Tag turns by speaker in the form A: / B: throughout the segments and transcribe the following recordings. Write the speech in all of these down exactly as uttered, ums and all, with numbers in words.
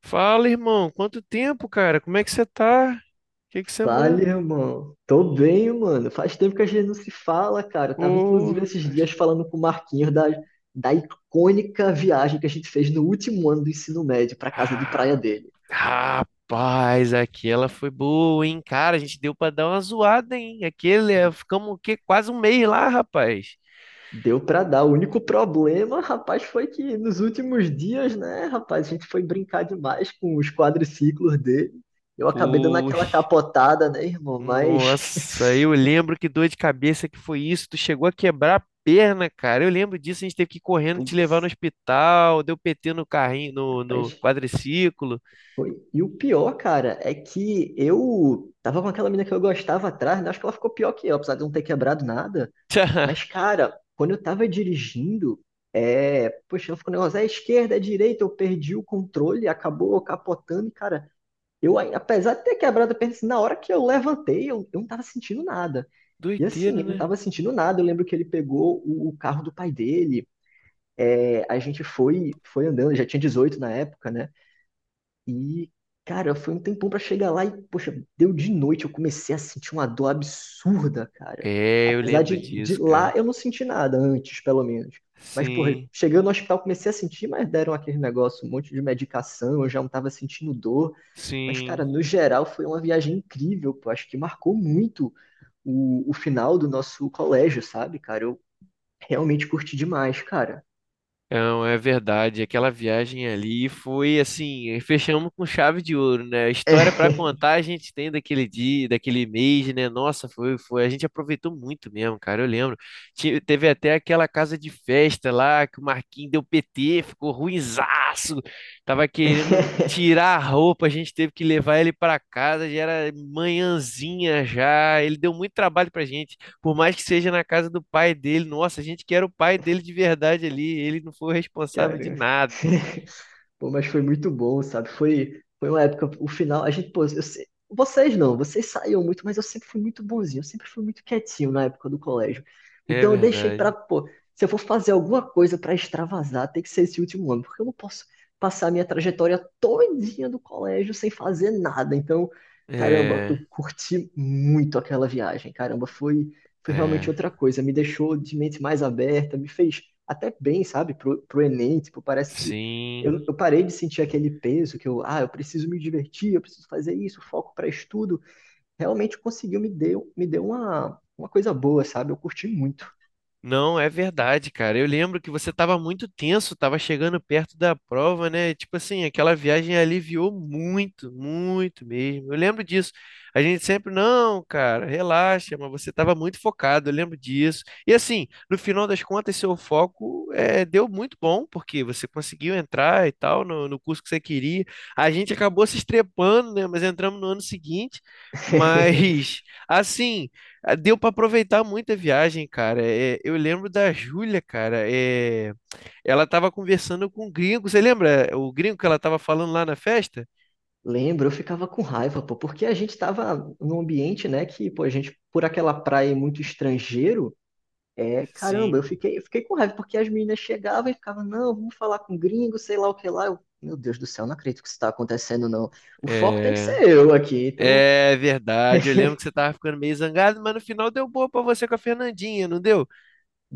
A: Fala, irmão. Quanto tempo, cara? Como é que você tá? O que que você
B: Fala,
A: manda?
B: irmão. Tô bem, mano. Faz tempo que a gente não se fala, cara. Eu tava
A: Ô,
B: inclusive esses
A: rapaz.
B: dias falando com o Marquinhos da, da icônica viagem que a gente fez no último ano do ensino médio pra casa de
A: Ah,
B: praia dele.
A: rapaz, aqui ela foi boa, hein? Cara, a gente deu pra dar uma zoada, hein? Aquele, é, ficamos o quê? Quase um mês lá, rapaz.
B: Deu pra dar. O único problema, rapaz, foi que nos últimos dias, né, rapaz, a gente foi brincar demais com os quadriciclos dele. Eu acabei dando aquela
A: Puxa,
B: capotada, né, irmão? Mas,
A: nossa, eu lembro que dor de cabeça que foi isso. Tu chegou a quebrar a perna, cara. Eu lembro disso, a gente teve que ir correndo te levar no
B: putz,
A: hospital, deu P T no carrinho, no, no
B: rapaz,
A: quadriciclo.
B: foi. E o pior, cara, é que eu tava com aquela menina que eu gostava atrás, né? Acho que ela ficou pior que eu, apesar de eu não ter quebrado nada.
A: Tchá,
B: Mas, cara, quando eu tava dirigindo, é... poxa, ela ficou um negócio, é esquerda, é direita, eu perdi o controle, acabou capotando, e, cara, eu, aí, apesar de ter quebrado a perna, assim, na hora que eu levantei, eu, eu não tava sentindo nada. E assim,
A: doideira,
B: eu não
A: né?
B: tava sentindo nada. Eu lembro que ele pegou o, o carro do pai dele, é, a gente foi, foi andando, já tinha dezoito na época, né? E, cara, foi um tempão pra chegar lá e, poxa, deu de noite, eu comecei a sentir uma dor absurda, cara.
A: É, eu
B: Apesar
A: lembro
B: de, de
A: disso,
B: lá
A: cara.
B: eu não senti nada antes, pelo menos. Mas, porra,
A: Sim,
B: chegando no hospital comecei a sentir, mas deram aquele negócio, um monte de medicação, eu já não tava sentindo dor. Mas, cara,
A: sim.
B: no geral foi uma viagem incrível, pô. Acho que marcou muito o, o final do nosso colégio, sabe, cara? Eu realmente curti demais, cara.
A: Não, é verdade. Aquela viagem ali foi assim, eh, fechamos com chave de ouro, né? A história para contar a gente tem daquele dia, daquele mês, né? Nossa, foi, foi, a gente aproveitou muito mesmo, cara. Eu lembro. Ti- teve até aquela casa de festa lá que o Marquinhos deu P T, ficou ruinzaço. Tava querendo tirar a roupa, a gente teve que levar ele para casa, já era manhãzinha já. Ele deu muito trabalho pra gente. Por mais que seja na casa do pai dele, nossa, a gente quer o pai dele de verdade ali. Ele não foi o responsável de
B: Cara.
A: nada.
B: Pô, mas foi muito bom, sabe? Foi, foi uma época, o final, a gente, pô, eu se- vocês não, vocês saíam muito, mas eu sempre fui muito bonzinho, eu sempre fui muito quietinho na época do colégio.
A: É
B: Então eu deixei pra,
A: verdade.
B: pô, se eu for fazer alguma coisa pra extravasar, tem que ser esse último ano, porque eu não posso passar a minha trajetória todinha do colégio sem fazer nada. Então, caramba, eu
A: É,
B: curti muito aquela viagem, caramba, foi, foi realmente
A: é,
B: outra coisa, me deixou de mente mais aberta, me fez até bem, sabe, pro, pro Enem, tipo, parece que
A: sim.
B: eu, eu parei de sentir aquele peso que eu, ah, eu preciso me divertir, eu preciso fazer isso, foco para estudo. Realmente conseguiu, me deu, me deu uma, uma coisa boa, sabe? Eu curti muito.
A: Não, é verdade, cara. Eu lembro que você estava muito tenso, estava chegando perto da prova, né? Tipo assim, aquela viagem aliviou muito, muito mesmo. Eu lembro disso. A gente sempre, não, cara, relaxa, mas você estava muito focado, eu lembro disso. E assim, no final das contas, seu foco eh, deu muito bom, porque você conseguiu entrar e tal no, no curso que você queria. A gente acabou se estrepando, né? Mas entramos no ano seguinte. Mas, assim. Ah, deu para aproveitar muito a viagem, cara. É, eu lembro da Júlia, cara. É, ela tava conversando com o gringo. Você lembra eh, o gringo que ela tava falando lá na festa?
B: Lembro, eu ficava com raiva, pô, porque a gente tava num ambiente, né, que, pô, a gente, por aquela praia muito estrangeiro, é, caramba, eu
A: Sim,
B: fiquei, eu fiquei com raiva, porque as meninas chegavam e ficavam, não, vamos falar com gringo, sei lá o que lá. Eu, meu Deus do céu, não acredito que isso tá acontecendo, não. O foco tem que
A: é.
B: ser eu aqui, então
A: É verdade. Eu lembro que você tava ficando meio zangado, mas no final deu boa pra você com a Fernandinha, não deu?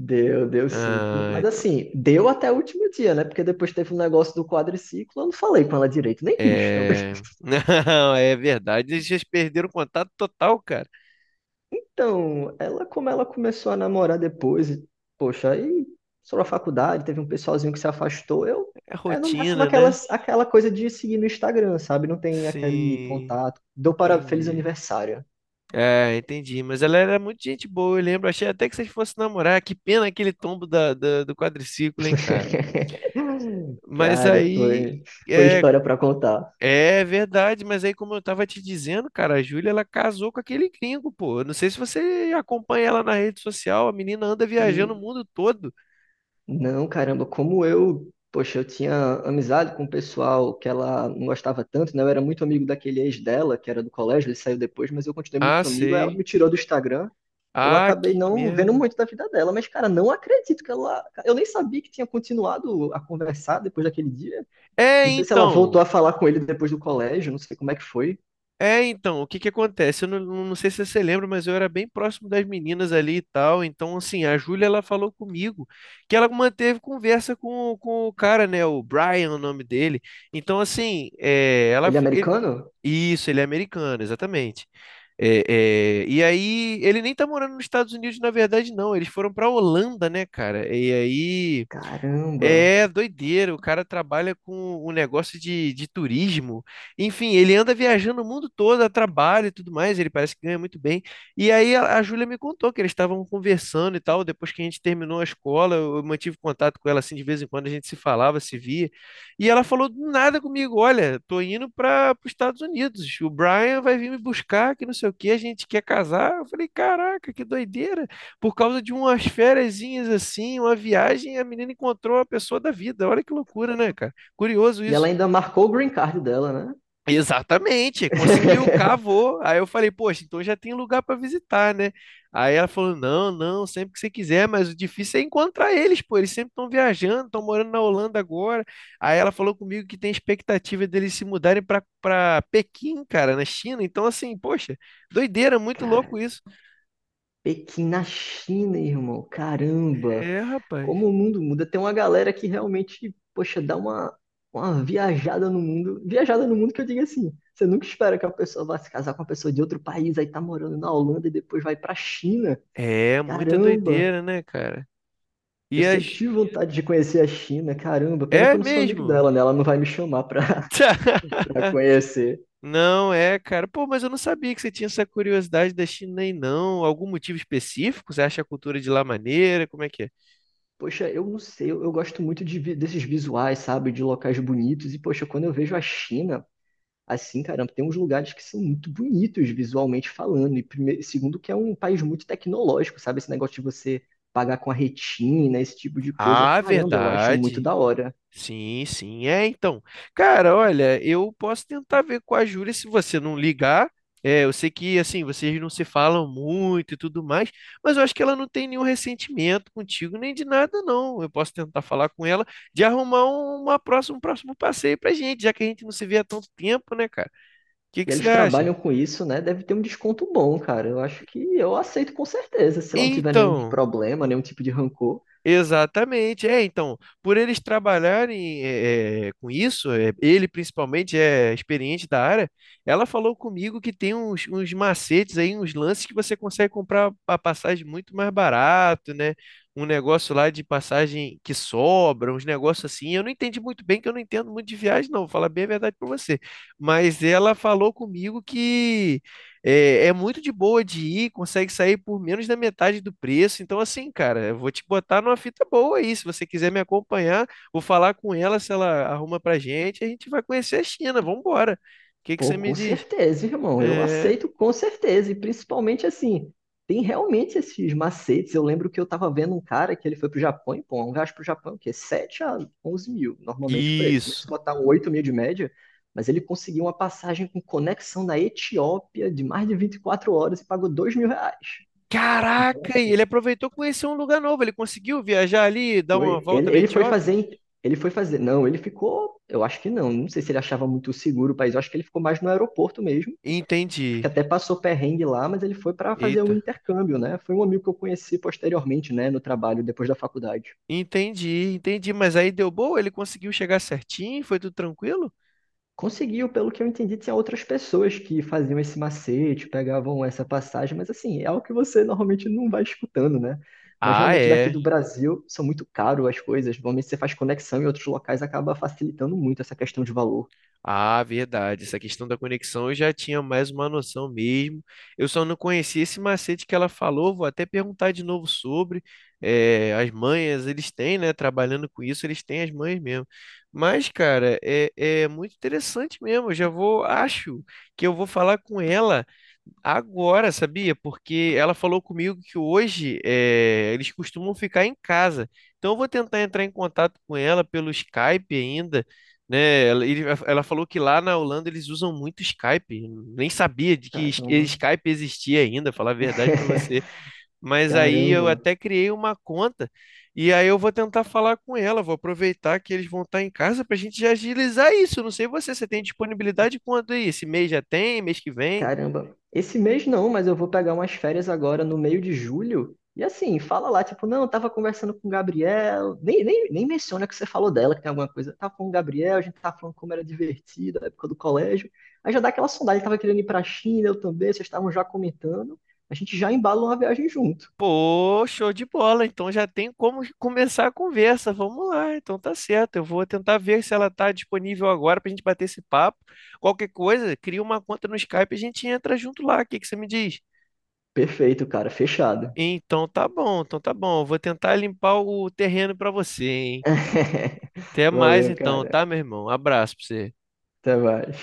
B: deu, deu sim.
A: Ah,
B: Mas
A: então.
B: assim, deu até o último dia, né? Porque depois teve um negócio do quadriciclo, eu não falei com ela direito, nem quis também.
A: É. Não, é verdade. Eles já perderam o contato total, cara.
B: Então, ela, como ela começou a namorar depois, e, poxa, aí só a faculdade, teve um pessoalzinho que se afastou, eu,
A: É
B: é no máximo
A: rotina,
B: aquela,
A: né?
B: aquela coisa de seguir no Instagram, sabe? Não tem aquele
A: Sim,
B: contato. Dou para feliz
A: entendi.
B: aniversário.
A: É, entendi. Mas ela era muito gente boa, eu lembro. Achei até que vocês fossem namorar. Que pena aquele tombo da, da- do quadriciclo, hein, cara. Mas
B: Cara,
A: aí.
B: foi, foi
A: É,
B: história para contar.
A: é verdade, mas aí, como eu tava te dizendo, cara, a Júlia, ela casou com aquele gringo, pô. Eu não sei se você acompanha ela na rede social. A menina anda viajando o mundo todo.
B: Não, caramba, como eu, poxa, eu tinha amizade com o pessoal que ela não gostava tanto, né? Eu era muito amigo daquele ex dela, que era do colégio, ele saiu depois, mas eu continuei
A: Ah,
B: muito amigo, aí ela
A: sei.
B: me tirou do Instagram. Eu
A: Ah,
B: acabei
A: que
B: não vendo
A: merda.
B: muito da vida dela, mas, cara, não acredito que ela. Eu nem sabia que tinha continuado a conversar depois daquele dia.
A: É,
B: Não sei se ela voltou
A: então.
B: a falar com ele depois do colégio, não sei como é que foi.
A: É, então, o que que acontece? Eu não, não sei se você lembra, mas eu era bem próximo das meninas ali e tal. Então, assim, a Júlia, ela falou comigo que ela manteve conversa com, com o cara, né? O Brian, o nome dele. Então, assim, é, ela,
B: Ele é
A: ele-
B: americano?
A: isso, ele é americano, exatamente. É, é, e aí, ele nem tá morando nos Estados Unidos, na verdade, não. Eles foram pra Holanda, né, cara? E aí.
B: Caramba!
A: É doideira, o cara trabalha com um negócio de, de turismo. Enfim, ele anda viajando o mundo todo, a trabalho e tudo mais, ele parece que ganha muito bem. E aí a, a Júlia me contou que eles estavam conversando e tal, depois que a gente terminou a escola, eu eu mantive contato com ela assim de vez em quando, a gente se falava, se via. E ela falou do nada comigo, olha, tô indo para os Estados Unidos, o Brian vai vir me buscar, que não sei o que, a gente quer casar. Eu falei, caraca, que doideira por causa de umas fériasinhas assim, uma viagem, a menina encontrou a pessoa da vida. Olha que loucura, né, cara? Curioso
B: E ela
A: isso.
B: ainda marcou o green card dela, né?
A: Exatamente, conseguiu, cavou. Aí eu falei, poxa, então já tem lugar para visitar, né? Aí ela falou: não, não, sempre que você quiser, mas o difícil é encontrar eles, pô. Eles sempre estão viajando, estão morando na Holanda agora. Aí ela falou comigo que tem expectativa deles se mudarem para para Pequim, cara, na China. Então, assim, poxa, doideira, muito louco isso.
B: Pequim na China, irmão. Caramba,
A: É, rapaz.
B: como o mundo muda. Tem uma galera que realmente, poxa, dá uma, uma viajada no mundo. Viajada no mundo que eu digo assim. Você nunca espera que a pessoa vá se casar com uma pessoa de outro país, aí tá morando na Holanda e depois vai pra China.
A: É, muita
B: Caramba,
A: doideira, né, cara?
B: eu
A: E
B: sempre
A: as.
B: tive vontade de conhecer a China. Caramba, pena que
A: É
B: eu não sou amigo
A: mesmo?
B: dela, né? Ela não vai me chamar pra, pra conhecer.
A: Não é, cara. Pô, mas eu não sabia que você tinha essa curiosidade da China aí, não. Algum motivo específico? Você acha a cultura de lá maneira? Como é que é?
B: Poxa, eu não sei, eu, eu gosto muito de vi- desses visuais, sabe, de locais bonitos. E, poxa, quando eu vejo a China, assim, caramba, tem uns lugares que são muito bonitos visualmente falando, e prime- segundo que é um país muito tecnológico, sabe? Esse negócio de você pagar com a retina, esse tipo de coisa,
A: Ah,
B: caramba, eu acho muito
A: verdade.
B: da hora.
A: Sim, sim. É, então. Cara, olha, eu posso tentar ver com a Júlia se você não ligar. É, eu sei que, assim, vocês não se falam muito e tudo mais, mas eu acho que ela não tem nenhum ressentimento contigo, nem de nada, não. Eu posso tentar falar com ela de arrumar um, uma próxima, um próximo passeio pra gente, já que a gente não se vê há tanto tempo, né, cara? O que
B: E
A: que você
B: eles
A: acha?
B: trabalham com isso, né? Deve ter um desconto bom, cara. Eu acho que eu aceito com certeza, se lá não tiver nenhum
A: Então.
B: problema, nenhum tipo de rancor.
A: Exatamente, é, então, por eles trabalharem eh, eh, com isso, eh, ele principalmente é experiente da área, ela falou comigo que tem uns, uns macetes aí, uns lances que você consegue comprar a passagem muito mais barato, né? Um negócio lá de passagem que sobra, uns negócios assim, eu não entendi muito bem, que eu não entendo muito de viagem não, vou falar bem a verdade para você, mas ela falou comigo que é, é muito de boa de ir, consegue sair por menos da metade do preço. Então, assim, cara, eu vou te botar numa fita boa aí. Se você quiser me acompanhar, vou falar com ela, se ela arruma pra gente, a gente vai conhecer a China. Vambora. O que que
B: Pô,
A: você me
B: com
A: diz?
B: certeza, irmão. Eu
A: É,
B: aceito com certeza. E principalmente assim, tem realmente esses macetes. Eu lembro que eu tava vendo um cara que ele foi pro Japão e, pô, um gasto pro Japão, que é sete a onze mil, normalmente o preço. Mas
A: isso.
B: se botar um oito mil de média, mas ele conseguiu uma passagem com conexão na Etiópia de mais de vinte e quatro horas e pagou dois mil reais. Então,
A: Caraca, e
B: assim,
A: ele aproveitou e conheceu um lugar novo. Ele conseguiu viajar ali, dar uma
B: foi.
A: volta
B: Ele,
A: na
B: ele foi
A: Etiópia?
B: fazer. em- Ele foi fazer. Não, ele ficou. Eu acho que não. Não sei se ele achava muito seguro o país. Eu acho que ele ficou mais no aeroporto mesmo, acho que
A: Entendi.
B: até passou perrengue lá, mas ele foi para fazer um
A: Eita.
B: intercâmbio, né? Foi um amigo que eu conheci posteriormente, né, no trabalho, depois da faculdade.
A: Entendi, entendi. Mas aí deu boa? Ele conseguiu chegar certinho? Foi tudo tranquilo?
B: Conseguiu, pelo que eu entendi, tinha outras pessoas que faziam esse macete, pegavam essa passagem, mas assim, é algo que você normalmente não vai escutando, né? Mas
A: Ah,
B: realmente daqui
A: é.
B: do Brasil são muito caro as coisas. Normalmente você faz conexão em outros locais, acaba facilitando muito essa questão de valor.
A: Ah, verdade. Essa questão da conexão eu já tinha mais uma noção mesmo. Eu só não conhecia esse macete que ela falou. Vou até perguntar de novo sobre. Eh, as manhas, eles têm, né? Trabalhando com isso, eles têm as manhas mesmo. Mas, cara, é, é muito interessante mesmo. Eu já vou, acho que eu vou falar com ela. Agora, sabia? Porque ela falou comigo que hoje eh, eles costumam ficar em casa. Então, eu vou tentar entrar em contato com ela pelo Skype ainda, né? Ela, ele- ela falou que lá na Holanda eles usam muito Skype. Nem sabia de que es-
B: Caramba.
A: Skype existia ainda, falar a verdade para você. Mas aí eu
B: Caramba.
A: até criei uma conta e aí eu vou tentar falar com ela. Vou aproveitar que eles vão estar em casa para a gente já agilizar isso. Não sei você, você tem disponibilidade quando aí? Esse mês já tem? Mês que vem?
B: Caramba, esse mês não, mas eu vou pegar umas férias agora no meio de julho. E assim, fala lá, tipo, não, eu tava conversando com o Gabriel. Nem, nem, nem menciona que você falou dela, que tem alguma coisa. Tava com o Gabriel, a gente tava falando como era divertido, a época do colégio. Aí já dá aquela sondagem, ele tava querendo ir pra China, eu também, vocês estavam já comentando. A gente já embala uma viagem junto.
A: Pô, show de bola. Então já tem como começar a conversa. Vamos lá. Então tá certo. Eu vou tentar ver se ela tá disponível agora pra gente bater esse papo. Qualquer coisa, cria uma conta no Skype e a gente entra junto lá. O que que você me diz?
B: Perfeito, cara, fechado.
A: Então tá bom, então tá bom. Eu vou tentar limpar o terreno pra você, hein? Até mais
B: Valeu,
A: então, tá,
B: cara.
A: meu irmão? Abraço pra você.
B: Até mais.